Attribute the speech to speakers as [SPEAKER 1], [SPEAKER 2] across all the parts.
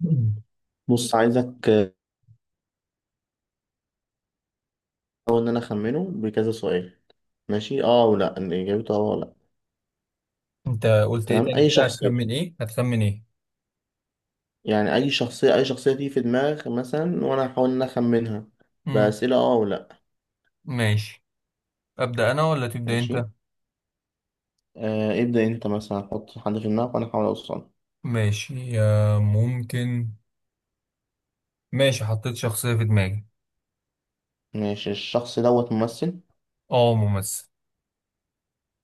[SPEAKER 1] مم.
[SPEAKER 2] بص عايزك أول إن أنا أخمنه بكذا سؤال، ماشي أه ولا إن إجابته أه ولا لأ.
[SPEAKER 1] انت قلت ايه
[SPEAKER 2] تمام،
[SPEAKER 1] تاني
[SPEAKER 2] أي
[SPEAKER 1] كده، هتخمن
[SPEAKER 2] شخصية،
[SPEAKER 1] ايه، هتخمن ايه؟
[SPEAKER 2] يعني أي شخصية تيجي في دماغك مثلا، وأنا هحاول إن أنا أخمنها
[SPEAKER 1] مم.
[SPEAKER 2] بأسئلة أه ولا.
[SPEAKER 1] ماشي، ابدا انا ولا تبدا
[SPEAKER 2] ماشي
[SPEAKER 1] انت؟
[SPEAKER 2] ابدأ أنت مثلا، حط حد في دماغك وأنا أحاول أوصله.
[SPEAKER 1] ماشي، ممكن. ماشي حطيت شخصيه في دماغي.
[SPEAKER 2] ماشي، الشخص دوت ممثل؟
[SPEAKER 1] اه، ممثل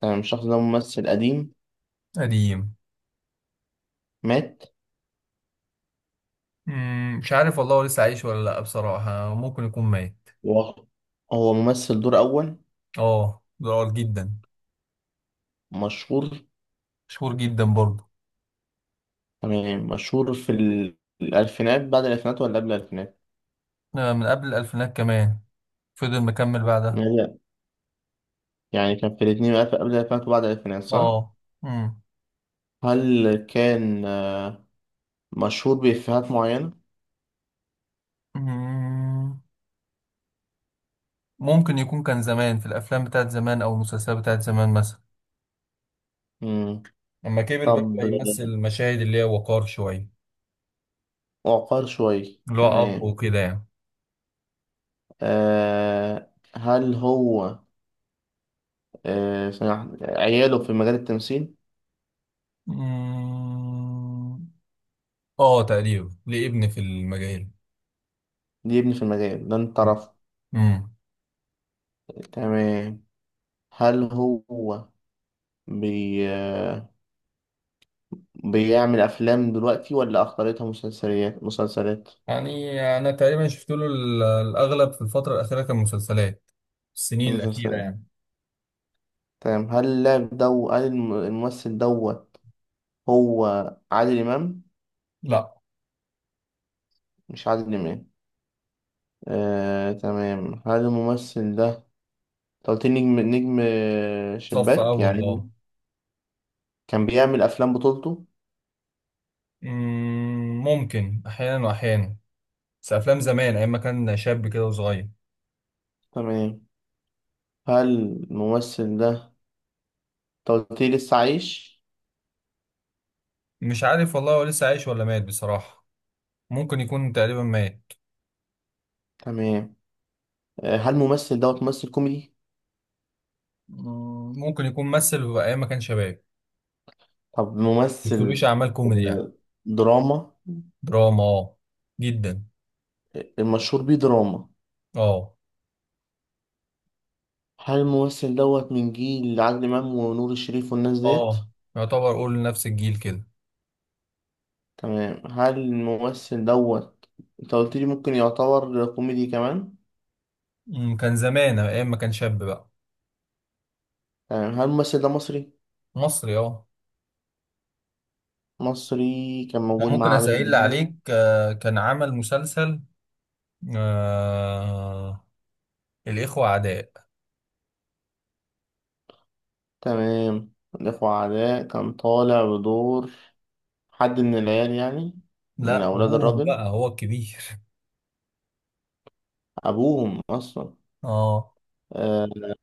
[SPEAKER 2] تمام، الشخص ده ممثل قديم
[SPEAKER 1] قديم.
[SPEAKER 2] مات.
[SPEAKER 1] مم. مش عارف والله، هو لسه عايش ولا لا، بصراحه ممكن يكون ميت.
[SPEAKER 2] و- هو ممثل دور أول
[SPEAKER 1] اه، ضرار جدا.
[SPEAKER 2] مشهور؟
[SPEAKER 1] مشهور جدا برضه.
[SPEAKER 2] تمام، مشهور في الألفينات، بعد الألفينات ولا قبل الألفينات؟
[SPEAKER 1] من قبل الالفينات كمان، فضل مكمل بعدها.
[SPEAKER 2] يعني كان في 2000، قبل الألفينات وبعد الألفينات، صح؟
[SPEAKER 1] اه. مم.
[SPEAKER 2] هل كان مشهور بإفيهات معينة؟
[SPEAKER 1] مم. ممكن يكون كان زمان في الافلام بتاعت زمان او المسلسلات بتاعت زمان مثلا.
[SPEAKER 2] مم.
[SPEAKER 1] لما كبر بقى
[SPEAKER 2] طب
[SPEAKER 1] بقى يمثل المشاهد اللي هي وقار شوية،
[SPEAKER 2] وقار شوي،
[SPEAKER 1] اللي هو أب
[SPEAKER 2] تمام.
[SPEAKER 1] وكده يعني.
[SPEAKER 2] هل هو عياله في مجال التمثيل؟
[SPEAKER 1] أمم، اه تقريبا ليه ابن في المجال.
[SPEAKER 2] دي ابني في المجال ده انت رفض.
[SPEAKER 1] امم.
[SPEAKER 2] تمام، هل هو بي... آه، بيعمل أفلام دلوقتي ولا أخطرتها مسلسلات؟ مسلسلات
[SPEAKER 1] يعني أنا تقريبا شفت له الأغلب في الفترة الأخيرة كان مسلسلات، السنين الأخيرة
[SPEAKER 2] مسلسلات
[SPEAKER 1] يعني.
[SPEAKER 2] تمام، هل اللاعب دو هل الم- الممثل دوت هو عادل إمام؟
[SPEAKER 1] لا.
[SPEAKER 2] مش عادل إمام. تمام، هل الممثل ده، أنت قلت لي نجم
[SPEAKER 1] صف
[SPEAKER 2] شباك
[SPEAKER 1] أول اه.
[SPEAKER 2] يعني، كان بيعمل أفلام بطولته؟
[SPEAKER 1] ممكن أحيانا وأحيانا، بس أفلام زمان أيام ما كان شاب كده وصغير.
[SPEAKER 2] تمام، هل الممثل ده، أنت قلت لي لسه عايش؟
[SPEAKER 1] مش عارف والله، هو لسه عايش ولا مات بصراحة، ممكن يكون تقريبا مات.
[SPEAKER 2] تمام. هل الممثل دوت ممثل كوميدي؟
[SPEAKER 1] ممكن يكون مثل في ايام ما كان شباب،
[SPEAKER 2] طب
[SPEAKER 1] بيكتبليش
[SPEAKER 2] ممثل
[SPEAKER 1] اعمال كوميدي يعني.
[SPEAKER 2] آه، دراما؟
[SPEAKER 1] دراما اه، جدا.
[SPEAKER 2] المشهور بيه دراما؟
[SPEAKER 1] اه.
[SPEAKER 2] هل الممثل دوت من جيل عادل إمام ونور الشريف والناس ديت؟
[SPEAKER 1] اه، يعتبر اقول نفس الجيل كده.
[SPEAKER 2] تمام، هل الممثل دوت، انت قلت لي ممكن يعتبر كوميدي كمان؟
[SPEAKER 1] كان زمان ايام ما كان شاب بقى.
[SPEAKER 2] تمام، هل الممثل ده مصري؟
[SPEAKER 1] مصري اه.
[SPEAKER 2] مصري كان
[SPEAKER 1] أنا
[SPEAKER 2] موجود مع
[SPEAKER 1] ممكن
[SPEAKER 2] عادل
[SPEAKER 1] اسأل
[SPEAKER 2] إمام.
[SPEAKER 1] عليك، كان عمل مسلسل، آه الاخوة اعداء.
[SPEAKER 2] تمام، الإخوة عداء، كان طالع بدور حد من العيال يعني؟ من
[SPEAKER 1] لا،
[SPEAKER 2] أولاد
[SPEAKER 1] ابوهم
[SPEAKER 2] الراجل؟
[SPEAKER 1] بقى هو الكبير.
[SPEAKER 2] أبوهم أصلا؟
[SPEAKER 1] اه.
[SPEAKER 2] أه.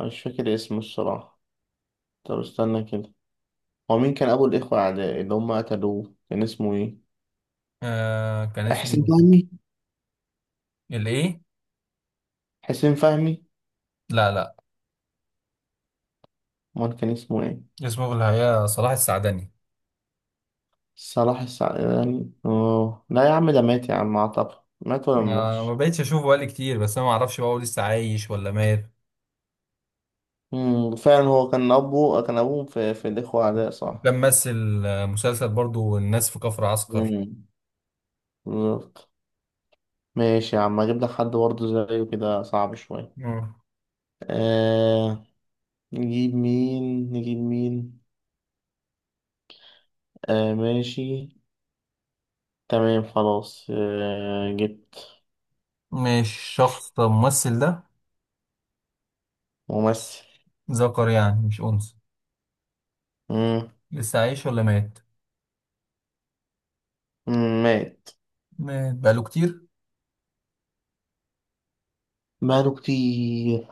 [SPEAKER 2] مش فاكر اسمه الصراحة. طب استنى كده، هو مين كان أبو الإخوة أعداء اللي هم قتلوه، كان اسمه إيه؟
[SPEAKER 1] كان
[SPEAKER 2] حسين
[SPEAKER 1] اسمه
[SPEAKER 2] فهمي؟
[SPEAKER 1] الايه؟
[SPEAKER 2] حسين فهمي
[SPEAKER 1] لا، لا.
[SPEAKER 2] أمال كان اسمه إيه؟
[SPEAKER 1] اسمه في الحقيقة صلاح السعدني.
[SPEAKER 2] صلاح السعداني؟ أوه لا يا عم، ده مات يا عم، أعتقد مات ولا ما
[SPEAKER 1] ما
[SPEAKER 2] ماتش؟
[SPEAKER 1] بقتش اشوفه بقالي كتير، بس انا ما اعرفش بقى هو لسه عايش ولا مات.
[SPEAKER 2] مم، فعلا هو كان أبوه، كان أبوهم في الإخوة أعداء، صح؟
[SPEAKER 1] كان ممثل، مسلسل برضو الناس في كفر عسكر.
[SPEAKER 2] مم. بالظبط. ماشي يا عم، أجيب لك حد برضه زيه، كده صعب شوية.
[SPEAKER 1] مم.
[SPEAKER 2] آه نجيب مين. مين؟ ماشي. تمام خلاص، جبت
[SPEAKER 1] مش شخص طب الممثل ده
[SPEAKER 2] ممثل.
[SPEAKER 1] ذكر يعني مش انثى؟
[SPEAKER 2] مم.
[SPEAKER 1] لسه عايش ولا مات؟
[SPEAKER 2] مم. مات.
[SPEAKER 1] مات بقاله كتير؟
[SPEAKER 2] ماله كتير.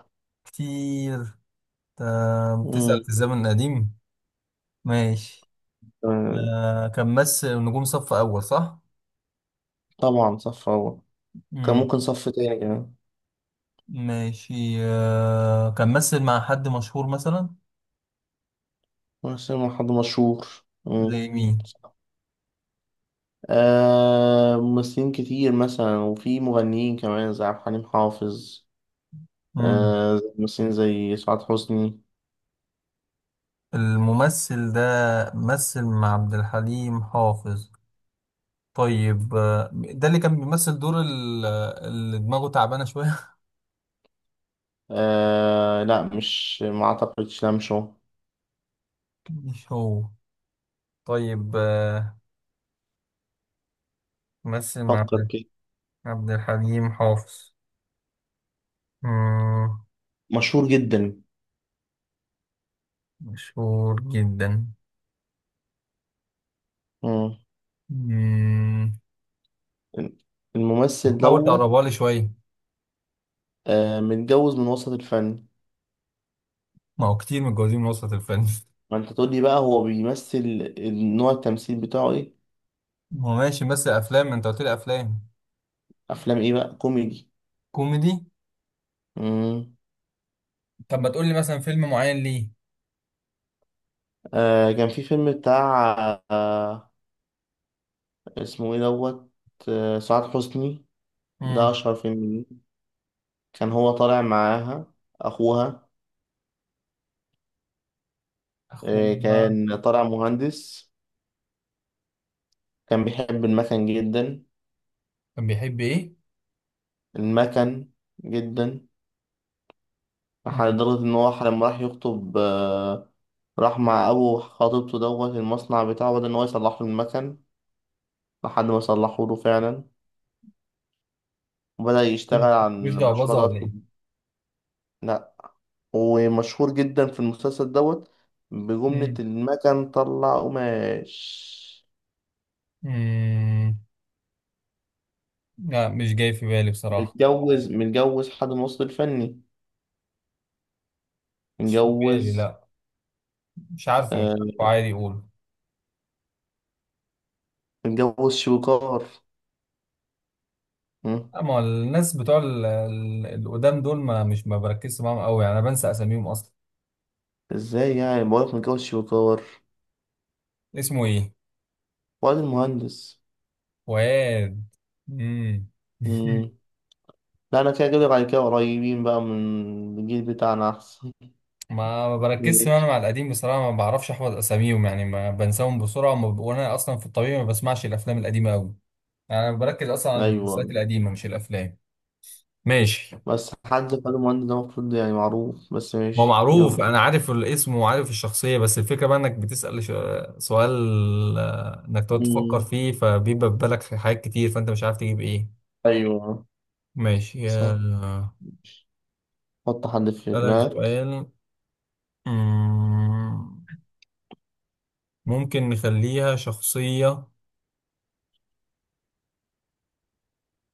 [SPEAKER 1] كتير.
[SPEAKER 2] مم.
[SPEAKER 1] بتسأل في الزمن القديم. ماشي.
[SPEAKER 2] آه
[SPEAKER 1] كان ممثل نجوم صف اول صح؟
[SPEAKER 2] طبعا صف أول، كان
[SPEAKER 1] مم.
[SPEAKER 2] ممكن صف تاني كمان.
[SPEAKER 1] ماشي، كان ممثل مع حد مشهور مثلا؟
[SPEAKER 2] بس هو حد مشهور. مم.
[SPEAKER 1] زي
[SPEAKER 2] ممثلين كتير مثلا، وفي مغنيين كمان زي عبد الحليم حافظ،
[SPEAKER 1] مين؟
[SPEAKER 2] زي ممثلين زي سعاد حسني.
[SPEAKER 1] الممثل ده مثل مع عبد الحليم حافظ؟ طيب، ده اللي كان بيمثل دور اللي دماغه تعبانة شوية.
[SPEAKER 2] لا مش، ما اعتقدش لمشو.
[SPEAKER 1] مش هو. طيب، مثل مع
[SPEAKER 2] فكر
[SPEAKER 1] عبد
[SPEAKER 2] كده،
[SPEAKER 1] عبد الحليم حافظ. مم،
[SPEAKER 2] مشهور جدا.
[SPEAKER 1] مشهور جدا.
[SPEAKER 2] مم.
[SPEAKER 1] مم، طب
[SPEAKER 2] الممثل
[SPEAKER 1] حاول
[SPEAKER 2] دوت
[SPEAKER 1] تقربها لي شوية.
[SPEAKER 2] متجوز من وسط الفن.
[SPEAKER 1] ما هو كتير متجوزين من وسط الفن.
[SPEAKER 2] ما انت تقول لي بقى هو بيمثل، نوع التمثيل بتاعه ايه؟
[SPEAKER 1] ما هو ماشي، مثل أفلام ما أنت قلت لي أفلام.
[SPEAKER 2] افلام ايه بقى، كوميدي؟
[SPEAKER 1] كوميدي.
[SPEAKER 2] مم.
[SPEAKER 1] طب ما تقول لي مثلا فيلم معين ليه؟
[SPEAKER 2] كان في فيلم بتاع، آه اسمه ايه دوت، سعاد حسني، ده
[SPEAKER 1] مم.
[SPEAKER 2] أشهر فيلم ليه. كان هو طالع معاها أخوها.
[SPEAKER 1] أخوها.
[SPEAKER 2] كان طالع مهندس، كان بيحب المكن جدا،
[SPEAKER 1] كان بيحب إيه؟
[SPEAKER 2] المكن جدا لدرجة إن هو لما راح يخطب راح مع أبو خطيبته دوت المصنع بتاعه، بدأ إن هو يصلح له المكن لحد ما صلحه له فعلا، وبدأ يشتغل
[SPEAKER 1] مش
[SPEAKER 2] على
[SPEAKER 1] مش
[SPEAKER 2] المشروع
[SPEAKER 1] جعبذة ولا
[SPEAKER 2] دوت.
[SPEAKER 1] ايه؟
[SPEAKER 2] لأ، ومشهور جدا في المسلسل دوت بجملة
[SPEAKER 1] مم.
[SPEAKER 2] "المكن طلع قماش".
[SPEAKER 1] مم. لا مش جاي في بالي بصراحة.
[SPEAKER 2] متجوز، حد من الوسط الفني،
[SPEAKER 1] مش في بالي
[SPEAKER 2] متجوز،
[SPEAKER 1] لا. مش عارفه مش
[SPEAKER 2] آه
[SPEAKER 1] عارفه عادي يقول.
[SPEAKER 2] متجوز شويكار. مم.
[SPEAKER 1] اما الناس بتوع القدام دول ما بركزش معاهم قوي، يعني انا بنسى اساميهم اصلا.
[SPEAKER 2] ازاي يعني بقولك متجوز شويكار؟
[SPEAKER 1] اسمه ايه؟
[SPEAKER 2] واد المهندس.
[SPEAKER 1] فؤاد. مم.
[SPEAKER 2] مم. لا انا كده جايب لك على كده، قريبين بقى من الجيل بتاعنا احسن.
[SPEAKER 1] ما بركزش انا
[SPEAKER 2] ماشي.
[SPEAKER 1] مع القديم بصراحة، ما بعرفش احفظ اساميهم، يعني ما بنساهم بسرعة، وانا اصلا في الطبيعي ما بسمعش الافلام القديمة قوي، يعني انا بركز اصلا على
[SPEAKER 2] ايوه،
[SPEAKER 1] المسلسلات القديمة مش الافلام. ماشي.
[SPEAKER 2] بس حد خد المهندس ده المفروض يعني معروف، بس
[SPEAKER 1] ما هو
[SPEAKER 2] ماشي يلا.
[SPEAKER 1] معروف، انا عارف الاسم وعارف الشخصيه، بس الفكره بقى انك بتسال سؤال، انك تقعد تفكر
[SPEAKER 2] مم.
[SPEAKER 1] فيه فبيبقى في بالك حاجات كتير فانت مش عارف تجيب ايه.
[SPEAKER 2] ايوه.
[SPEAKER 1] ماشي،
[SPEAKER 2] صح، حط حد في
[SPEAKER 1] اسالك
[SPEAKER 2] دماغك.
[SPEAKER 1] سؤال. مم، ممكن نخليها شخصيه،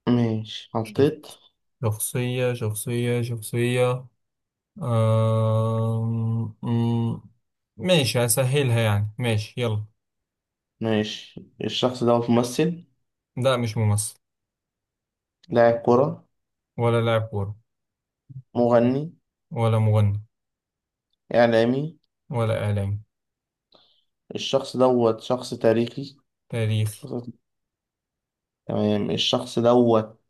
[SPEAKER 2] ماشي حطيت.
[SPEAKER 1] شخصيه شخصيه شخصيه. آم، مم، ماشي هسهلها يعني، ماشي يلا.
[SPEAKER 2] ماشي، الشخص ده ممثل؟
[SPEAKER 1] لا مش ممثل.
[SPEAKER 2] لاعب كرة؟
[SPEAKER 1] ولا لاعب كوره.
[SPEAKER 2] مغني؟
[SPEAKER 1] ولا مغني.
[SPEAKER 2] إعلامي؟
[SPEAKER 1] ولا اعلامي.
[SPEAKER 2] الشخص دوت شخص تاريخي؟
[SPEAKER 1] تاريخي.
[SPEAKER 2] شخص... تمام، الشخص دوت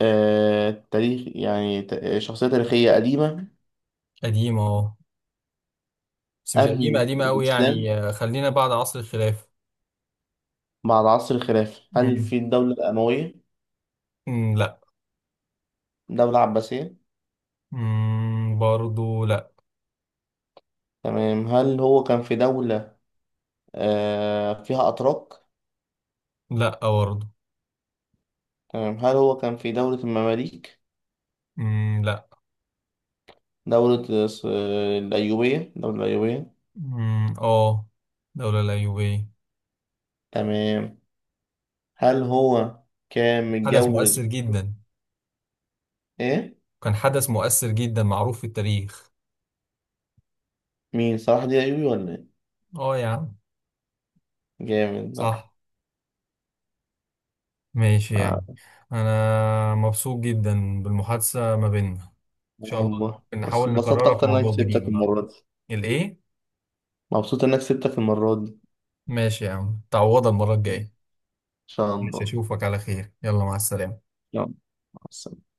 [SPEAKER 2] شخصية تاريخية قديمة؟
[SPEAKER 1] قديمة اه، بس مش قديمة
[SPEAKER 2] قبل
[SPEAKER 1] قديمة أوي
[SPEAKER 2] الإسلام؟
[SPEAKER 1] يعني، خلينا بعد عصر الخلافة.
[SPEAKER 2] مع العصر الخلافي، هل
[SPEAKER 1] مم.
[SPEAKER 2] في الدولة الأموية؟
[SPEAKER 1] مم، لا.
[SPEAKER 2] دولة عباسية؟
[SPEAKER 1] مم. برضو لا.
[SPEAKER 2] تمام، هل هو كان في دولة فيها أتراك؟
[SPEAKER 1] لا برضو.
[SPEAKER 2] تمام، هل هو كان في دولة المماليك؟
[SPEAKER 1] مم. لا.
[SPEAKER 2] دولة الس- الأيوبية، دولة الأيوبية؟
[SPEAKER 1] مم. اه، دولة الأيوبية.
[SPEAKER 2] تمام، هل هو كان
[SPEAKER 1] حدث
[SPEAKER 2] متجوز؟
[SPEAKER 1] مؤثر جدا.
[SPEAKER 2] إيه؟
[SPEAKER 1] كان حدث مؤثر جدا معروف في التاريخ.
[SPEAKER 2] مين، صلاح دي ايوبي ولا ايه؟
[SPEAKER 1] اه يا عم.
[SPEAKER 2] جامد بقى.
[SPEAKER 1] صح. ماشي يا
[SPEAKER 2] آه
[SPEAKER 1] عم. أنا مبسوط جدا بالمحادثة ما بيننا، إن شاء الله
[SPEAKER 2] والله،
[SPEAKER 1] ممكن
[SPEAKER 2] بس
[SPEAKER 1] نحاول
[SPEAKER 2] انبسطت
[SPEAKER 1] نكررها في
[SPEAKER 2] اكتر انك
[SPEAKER 1] موضوع جديد
[SPEAKER 2] كسبتك
[SPEAKER 1] بقى.
[SPEAKER 2] المرة دي،
[SPEAKER 1] الإيه؟
[SPEAKER 2] مبسوط انك كسبتك المرة دي.
[SPEAKER 1] ماشي يا عم، تعوضها المرة
[SPEAKER 2] ان
[SPEAKER 1] الجاية.
[SPEAKER 2] شاء
[SPEAKER 1] مش
[SPEAKER 2] الله.
[SPEAKER 1] أشوفك على خير، يلا مع السلامة.
[SPEAKER 2] يلا، مع السلامة.